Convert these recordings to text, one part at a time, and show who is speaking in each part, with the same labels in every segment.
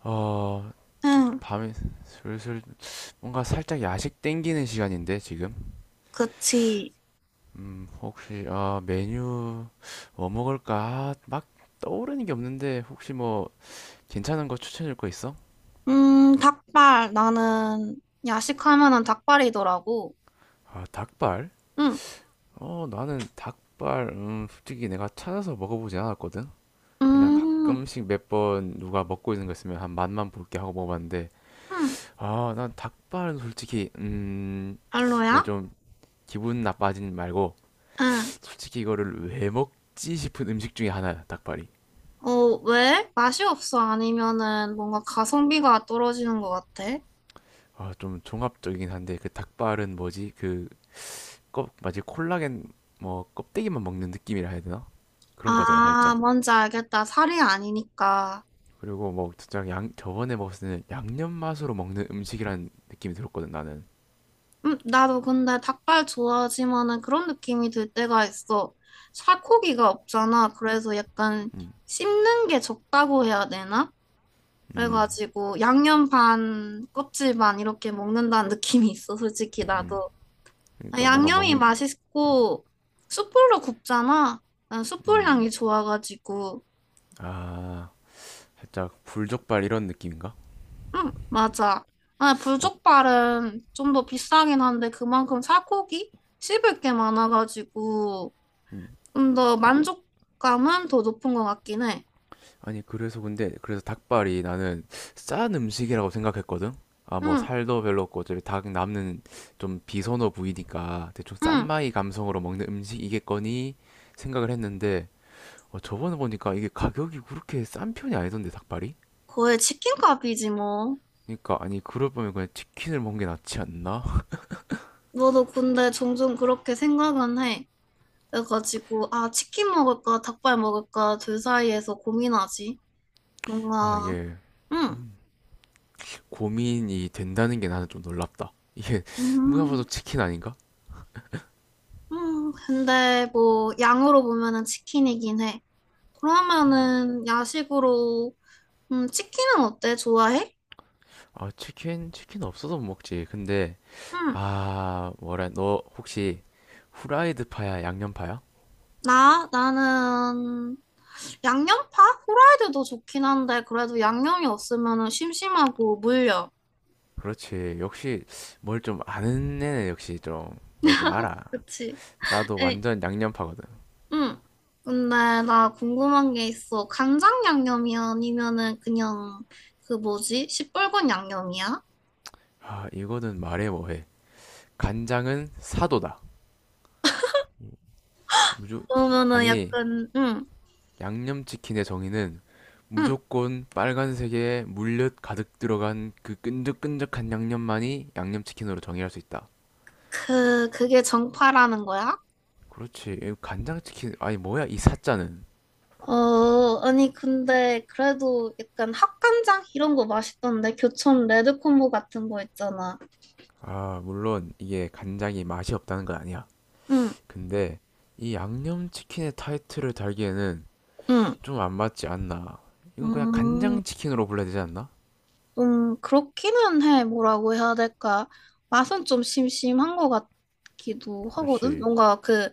Speaker 1: 어,
Speaker 2: 응,
Speaker 1: 밤에 슬슬 뭔가 살짝 야식 땡기는 시간인데 지금.
Speaker 2: 그치.
Speaker 1: 혹시 메뉴 뭐 먹을까? 아, 막 떠오르는 게 없는데 혹시 뭐 괜찮은 거 추천해 줄 거 있어?
Speaker 2: 닭발. 나는 야식하면은 닭발이더라고.
Speaker 1: 아, 닭발?
Speaker 2: 응,
Speaker 1: 나는 닭발 솔직히 내가 찾아서 먹어보지 않았거든. 그냥
Speaker 2: 음,
Speaker 1: 가끔씩 몇 번 누가 먹고 있는 거 있으면 한 맛만 볼게 하고 먹어봤는데
Speaker 2: 응,
Speaker 1: 아, 난 닭발은 솔직히 이거
Speaker 2: 별로야?
Speaker 1: 좀 기분 나빠진 말고
Speaker 2: 응.
Speaker 1: 솔직히 이거를 왜 먹지 싶은 음식 중에 하나야 닭발이.
Speaker 2: 어, 왜? 맛이 없어? 아니면은 뭔가 가성비가 떨어지는 것 같아?
Speaker 1: 아 좀 종합적이긴 한데 그 닭발은 뭐지 그 껍 마치 콜라겐 뭐 껍데기만 먹는 느낌이라 해야 되나 그런 거잖아
Speaker 2: 아,
Speaker 1: 살짝.
Speaker 2: 뭔지 알겠다. 살이 아니니까.
Speaker 1: 그리고 뭐 진짜 양 저번에 먹었을 때는 양념 맛으로 먹는 음식이란 느낌이 들었거든 나는.
Speaker 2: 나도 근데 닭발 좋아하지만은 그런 느낌이 들 때가 있어. 살코기가 없잖아. 그래서 약간
Speaker 1: 음.
Speaker 2: 씹는 게 적다고 해야 되나?
Speaker 1: 음,
Speaker 2: 그래가지고 양념 반, 껍질 반 이렇게 먹는다는 느낌이 있어, 솔직히
Speaker 1: 음.
Speaker 2: 나도. 아,
Speaker 1: 그러니까 뭔가 먹
Speaker 2: 양념이 맛있고 숯불로 굽잖아. 난 숯불
Speaker 1: 음
Speaker 2: 향이 좋아가지고.
Speaker 1: 아 살짝 불족발 이런 느낌인가.
Speaker 2: 응, 맞아. 아,
Speaker 1: 어.
Speaker 2: 불족발은 좀 더 비싸긴 한데 그만큼 살코기 씹을 게 많아가지고
Speaker 1: 음.
Speaker 2: 좀 더 만족감은 더 높은 것 같긴 해.
Speaker 1: 아니 그래서 근데 그래서 닭발이 나는 싼 음식이라고 생각했거든. 아 뭐
Speaker 2: 응,
Speaker 1: 살도 별로 없고 어차피 닭 남는 좀 비선호 부위니까 대충
Speaker 2: 응.
Speaker 1: 싼마이 감성으로 먹는 음식이겠거니 생각을 했는데 저번에 보니까 이게 가격이 그렇게 싼 편이 아니던데 닭발이?
Speaker 2: 거의 치킨값이지 뭐.
Speaker 1: 그러니까 아니 그럴 바면 그냥 치킨을 먹는 게 낫지 않나?
Speaker 2: 너도 근데 종종 그렇게 생각은 해. 그래가지고, 아, 치킨 먹을까, 닭발 먹을까, 둘 사이에서 고민하지.
Speaker 1: 아
Speaker 2: 뭔가,
Speaker 1: 이게
Speaker 2: 응,
Speaker 1: 고민이 된다는 게 나는 좀 놀랍다. 이게 누가 봐도
Speaker 2: 음,
Speaker 1: 치킨 아닌가?
Speaker 2: 음. 근데 뭐, 양으로 보면은 치킨이긴 해. 그러면은, 야식으로, 치킨은 어때? 좋아해?
Speaker 1: 아, 치킨? 치킨 없어서 못 먹지. 근데,
Speaker 2: 응.
Speaker 1: 아, 뭐라, 너 혹시 후라이드 파야, 양념 파야?
Speaker 2: 나, 나는, 양념파? 후라이드도 좋긴 한데, 그래도 양념이 없으면은 심심하고 물려.
Speaker 1: 그렇지. 역시 뭘 좀 아는 애는 역시 좀 뭘 좀 알아.
Speaker 2: 그치?
Speaker 1: 나도
Speaker 2: 에,
Speaker 1: 완전 양념 파거든.
Speaker 2: 응. 근데 나 궁금한 게 있어. 간장 양념이 아니면은 그냥 그 뭐지? 시뻘건 양념이야?
Speaker 1: 아, 이거는 말해 뭐해. 간장은 사도다. 무조,
Speaker 2: 그러면은
Speaker 1: 아니,
Speaker 2: 약간 응.
Speaker 1: 양념 치킨의 정의는
Speaker 2: 응.
Speaker 1: 무조건 빨간색에 물엿 가득 들어간 그 끈적끈적한 양념만이 양념 치킨으로 정의할 수 있다.
Speaker 2: 그게 정파라는 거야?
Speaker 1: 그렇지. 이 간장치킨, 아니, 뭐야, 이 사자는.
Speaker 2: 어, 아니 근데 그래도 약간 합간장 이런 거 맛있던데 교촌 레드콤보 같은 거 있잖아.
Speaker 1: 아, 물론 이게 간장이 맛이 없다는 건 아니야.
Speaker 2: 응.
Speaker 1: 근데 이 양념치킨의 타이틀을 달기에는
Speaker 2: 응.
Speaker 1: 좀 안 맞지 않나. 이건 그냥
Speaker 2: 음.
Speaker 1: 간장치킨으로 불러야 되지 않나?
Speaker 2: 좀 그렇기는 해. 뭐라고 해야 될까? 맛은 좀 심심한 것 같기도 하거든.
Speaker 1: 그렇지.
Speaker 2: 뭔가 그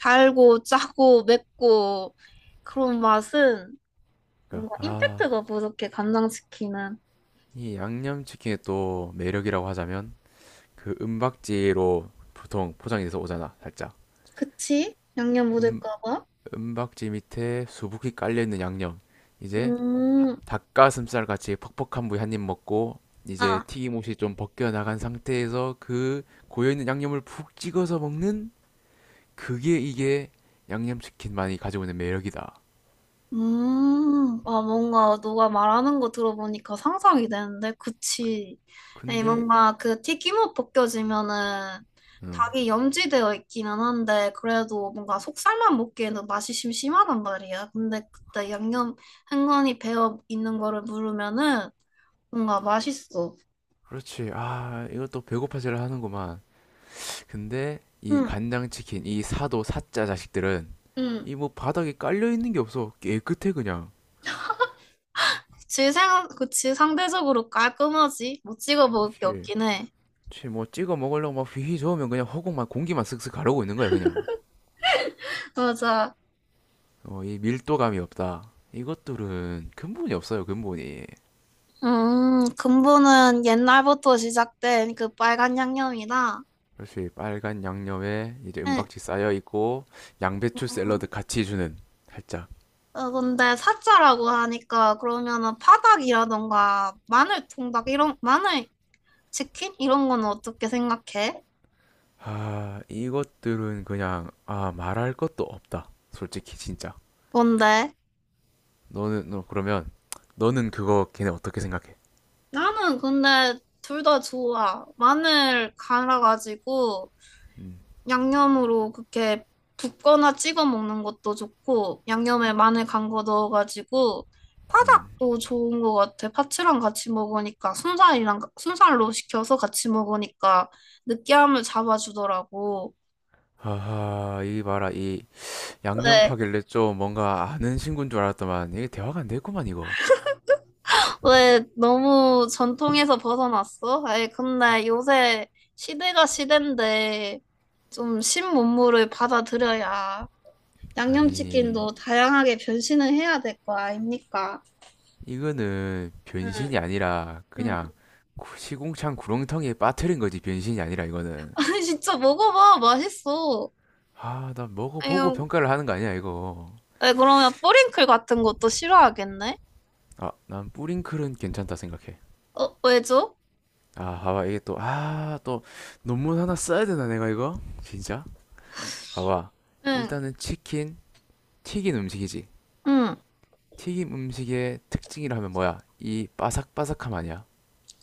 Speaker 2: 달고 짜고 맵고 그런 맛은
Speaker 1: 그러니까,
Speaker 2: 뭔가
Speaker 1: 아,
Speaker 2: 임팩트가 부족해. 간장치킨은.
Speaker 1: 이 양념치킨의 또 매력이라고 하자면 그 은박지로 보통 포장이 돼서 오잖아, 살짝.
Speaker 2: 그치? 양념
Speaker 1: 음,
Speaker 2: 묻을까 봐.
Speaker 1: 은박지 밑에 수북히 깔려있는 양념. 이제
Speaker 2: 음.
Speaker 1: 닭가슴살 같이 퍽퍽한 부위 한입 먹고 이제
Speaker 2: 아,
Speaker 1: 튀김옷이 좀 벗겨나간 상태에서 그 고여있는 양념을 푹 찍어서 먹는 그게 이게 양념치킨만이 가지고 있는 매력이다.
Speaker 2: 아, 뭔가 너가 말하는 거 들어보니까 상상이 되는데, 그치. 에
Speaker 1: 근데
Speaker 2: 뭔가 그 튀김옷 벗겨지면은
Speaker 1: 음,
Speaker 2: 닭이 염지되어 있기는 한데, 그래도 뭔가 속살만 먹기에는 맛이 심심하단 말이야. 근데 그때 양념 흥건히 배어 있는 거를 누르면은 뭔가 맛있어.
Speaker 1: 그렇지. 아, 이것도 배고파지를 하는구만. 근데 이
Speaker 2: 응,
Speaker 1: 간장치킨, 이 사도 사짜 자식들은
Speaker 2: 응.
Speaker 1: 이 뭐 바닥에 깔려있는 게 없어. 깨끗해 그냥.
Speaker 2: 그치, 그치, 상대적으로 깔끔하지. 못 찍어 먹을 게
Speaker 1: 그렇지.
Speaker 2: 없긴 해.
Speaker 1: 그치, 뭐 찍어 먹으려고 막 휘휘 저으면 그냥 허공만 공기만 슥슥 가르고 있는 거야 그냥.
Speaker 2: 맞아.
Speaker 1: 이 밀도감이 없다 이것들은 근본이 없어요 근본이.
Speaker 2: 근본은 옛날부터 시작된 그 빨간 양념이다.
Speaker 1: 역시 빨간 양념에 이제
Speaker 2: 응.
Speaker 1: 은박지 쌓여 있고 양배추 샐러드
Speaker 2: 음,
Speaker 1: 같이 주는 살짝
Speaker 2: 어, 근데 사자라고 하니까 그러면은 파닭이라던가 마늘 통닭 이런 마늘 치킨 이런 건 어떻게 생각해?
Speaker 1: 아 이것들은 그냥 아 말할 것도 없다 솔직히 진짜.
Speaker 2: 뭔데?
Speaker 1: 너는 너 그러면 너는 그거 걔네 어떻게 생각해?
Speaker 2: 나는 근데 둘 다 좋아. 마늘 갈아가지고
Speaker 1: 음.
Speaker 2: 양념으로 그렇게 붓거나 찍어 먹는 것도 좋고 양념에 마늘 간 거 넣어가지고
Speaker 1: 음.
Speaker 2: 파닭도 좋은 것 같아. 파츠랑 같이 먹으니까 순살이랑 순살로 시켜서 같이 먹으니까 느끼함을 잡아주더라고.
Speaker 1: 하하 이 봐라 이 양념
Speaker 2: 왜,
Speaker 1: 파길래 좀 뭔가 아는 친구인 줄 알았더만 이게 대화가 안 됐구만 이거.
Speaker 2: 왜 너무 전통에서 벗어났어? 아니, 근데 요새 시대가 시대인데 좀 신문물을 받아들여야
Speaker 1: 아니,
Speaker 2: 양념치킨도 다양하게 변신을 해야 될 거 아닙니까?
Speaker 1: 이거는
Speaker 2: 응,
Speaker 1: 변신이 아니라
Speaker 2: 응.
Speaker 1: 그냥 시궁창 구렁텅이에 빠뜨린 거지, 변신이 아니라 이거는.
Speaker 2: 진짜 먹어봐. 맛있어.
Speaker 1: 아, 난 먹어보고
Speaker 2: 아유,
Speaker 1: 평가를 하는 거 아니야, 이거.
Speaker 2: 왜 그러면 뿌링클 같은 것도 싫어하겠네?
Speaker 1: 아, 난 뿌링클은 괜찮다 생각해.
Speaker 2: 어, 왜죠?
Speaker 1: 아, 봐봐, 이게 또 논문 하나 써야 되나, 내가 이거? 진짜? 봐봐.
Speaker 2: 응,
Speaker 1: 일단은 치킨, 튀긴 음식이지.
Speaker 2: 응,
Speaker 1: 튀김 음식의 특징이라면 뭐야? 이 바삭바삭함 아니야?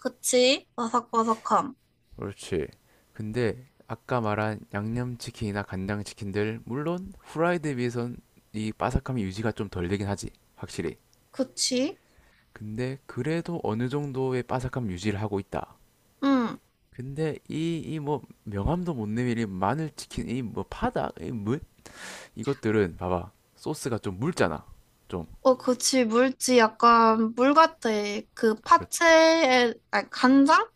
Speaker 2: 그치. 바삭바삭함.
Speaker 1: 그렇지. 근데 아까 말한 양념치킨이나 간장치킨들 물론 후라이드에 비해선 이 바삭함이 유지가 좀 덜 되긴 하지. 확실히.
Speaker 2: 그치.
Speaker 1: 근데 그래도 어느 정도의 바삭함 유지를 하고 있다.
Speaker 2: 응.
Speaker 1: 근데 이 뭐 명함도 못 내밀이 마늘치킨 이 뭐 파다 이뭐 이것들은 봐봐 소스가 좀 묽잖아. 좀.
Speaker 2: 어, 그치. 물지 약간 물 같아. 그
Speaker 1: 그렇지.
Speaker 2: 파채에, 아니, 간장?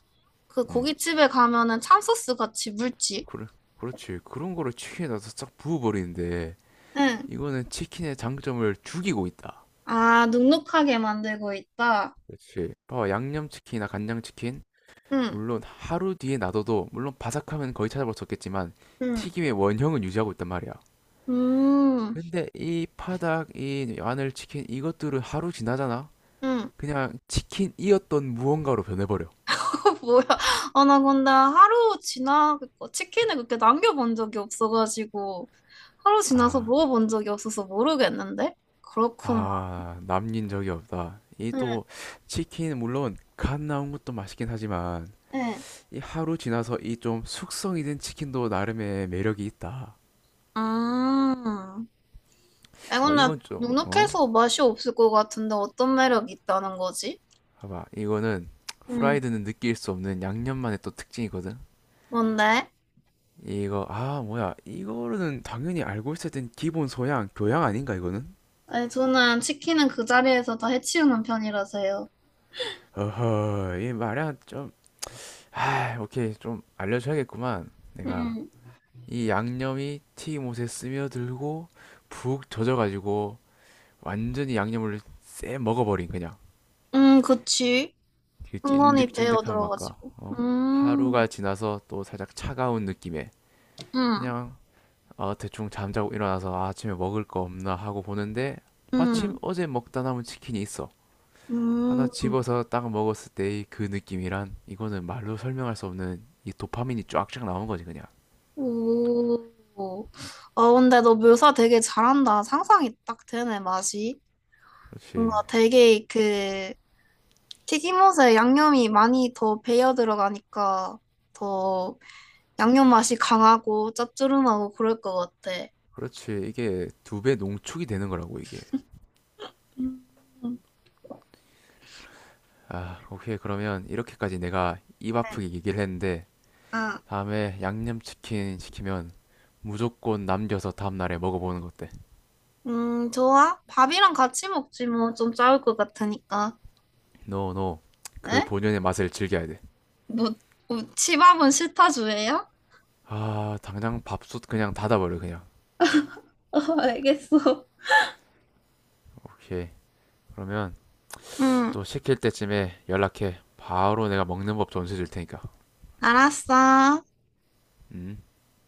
Speaker 2: 그
Speaker 1: 음
Speaker 2: 고깃집에 가면은 참소스 같이 물지.
Speaker 1: 그래 그렇지. 그런 거를 치킨에 넣어서 싹 부어버리는데
Speaker 2: 응.
Speaker 1: 이거는 치킨의 장점을 죽이고 있다.
Speaker 2: 아, 눅눅하게 만들고 있다.
Speaker 1: 그렇지. 봐 양념치킨이나 간장치킨,
Speaker 2: 응,
Speaker 1: 물론 하루 뒤에 놔둬도, 물론 바삭하면 거의 찾아볼 수 없겠지만
Speaker 2: 응,
Speaker 1: 튀김의 원형은 유지하고 있단 말이야.
Speaker 2: 음,
Speaker 1: 근데 이 파닭, 이 마늘치킨, 이것들은 하루 지나잖아?
Speaker 2: 응.
Speaker 1: 그냥 치킨이었던 무언가로 변해버려.
Speaker 2: 뭐야? 아, 나 근데 하루 지나 치킨을 그렇게 남겨본 적이 없어가지고 하루 지나서
Speaker 1: 아,
Speaker 2: 먹어본 적이 없어서 모르겠는데? 그렇구만.
Speaker 1: 아, 남긴 적이 없다. 이
Speaker 2: 응,
Speaker 1: 또, 치킨, 물론, 간 나온 것도 맛있긴 하지만,
Speaker 2: 응.
Speaker 1: 이 하루 지나서 이 좀 숙성이 된 치킨도 나름의 매력이 있다.
Speaker 2: 아, 아,
Speaker 1: 어,
Speaker 2: 근데
Speaker 1: 이건 좀, 어?
Speaker 2: 눅눅해서 맛이 없을 것 같은데 어떤 매력이 있다는 거지?
Speaker 1: 봐봐 이거는
Speaker 2: 응.
Speaker 1: 후라이드는 느낄 수 없는 양념만의 또 특징이거든.
Speaker 2: 뭔데?
Speaker 1: 이거 아 뭐야 이거는 당연히 알고 있어야 된 기본 소양 교양 아닌가 이거는.
Speaker 2: 아니, 저는 치킨은 그 자리에서 다 해치우는 편이라서요.
Speaker 1: 어허 이 말이야 좀아 오케이 좀 알려줘야겠구만 내가.
Speaker 2: 응.
Speaker 1: 이 양념이 튀김옷에 스며들고 푹 젖어가지고 완전히 양념을 쎄 먹어버린 그냥
Speaker 2: 응, 그치.
Speaker 1: 그
Speaker 2: 은근히 배어
Speaker 1: 찐득찐득한 맛과
Speaker 2: 들어가지고.
Speaker 1: 하루가
Speaker 2: 음,
Speaker 1: 지나서 또 살짝 차가운 느낌의
Speaker 2: 응,
Speaker 1: 그냥 아, 대충 잠자고 일어나서 아, 아침에 먹을 거 없나 하고 보는데 마침
Speaker 2: 응,
Speaker 1: 어제 먹다 남은 치킨이 있어. 하나
Speaker 2: 음.
Speaker 1: 집어서 딱 먹었을 때의 그 느낌이란 이거는 말로 설명할 수 없는 이 도파민이 쫙쫙 나오는 거지 그냥.
Speaker 2: 오. 아 근데 너 묘사 되게 잘한다. 상상이 딱 되네, 맛이.
Speaker 1: 그렇지.
Speaker 2: 뭔가 되게 그 튀김옷에 양념이 많이 더 배어 들어가니까 더 양념 맛이 강하고 짭조름하고 그럴 것 같아.
Speaker 1: 그렇지. 이게 두 배 농축이 되는 거라고 이게.
Speaker 2: 음.
Speaker 1: 아, 오케이. 그러면 이렇게까지 내가 입
Speaker 2: 네.
Speaker 1: 아프게 얘기를 했는데
Speaker 2: 아,
Speaker 1: 다음에 양념치킨 시키면 무조건 남겨서 다음날에 먹어보는 것 어때?
Speaker 2: 좋아. 밥이랑 같이 먹지 뭐 좀 짜울 것 같으니까.
Speaker 1: 노노. 그
Speaker 2: 에?
Speaker 1: 본연의 맛을 즐겨야 돼.
Speaker 2: 뭐, 뭐 치밥은 싫다 주예요?
Speaker 1: 아, 당장 밥솥 그냥 닫아버려, 그냥.
Speaker 2: 어, 알겠어.
Speaker 1: 오케이. 그러면
Speaker 2: 응,
Speaker 1: 또 시킬 때쯤에 연락해. 바로 내가 먹는 법 전수해 줄 테니까.
Speaker 2: 알았어.
Speaker 1: 음.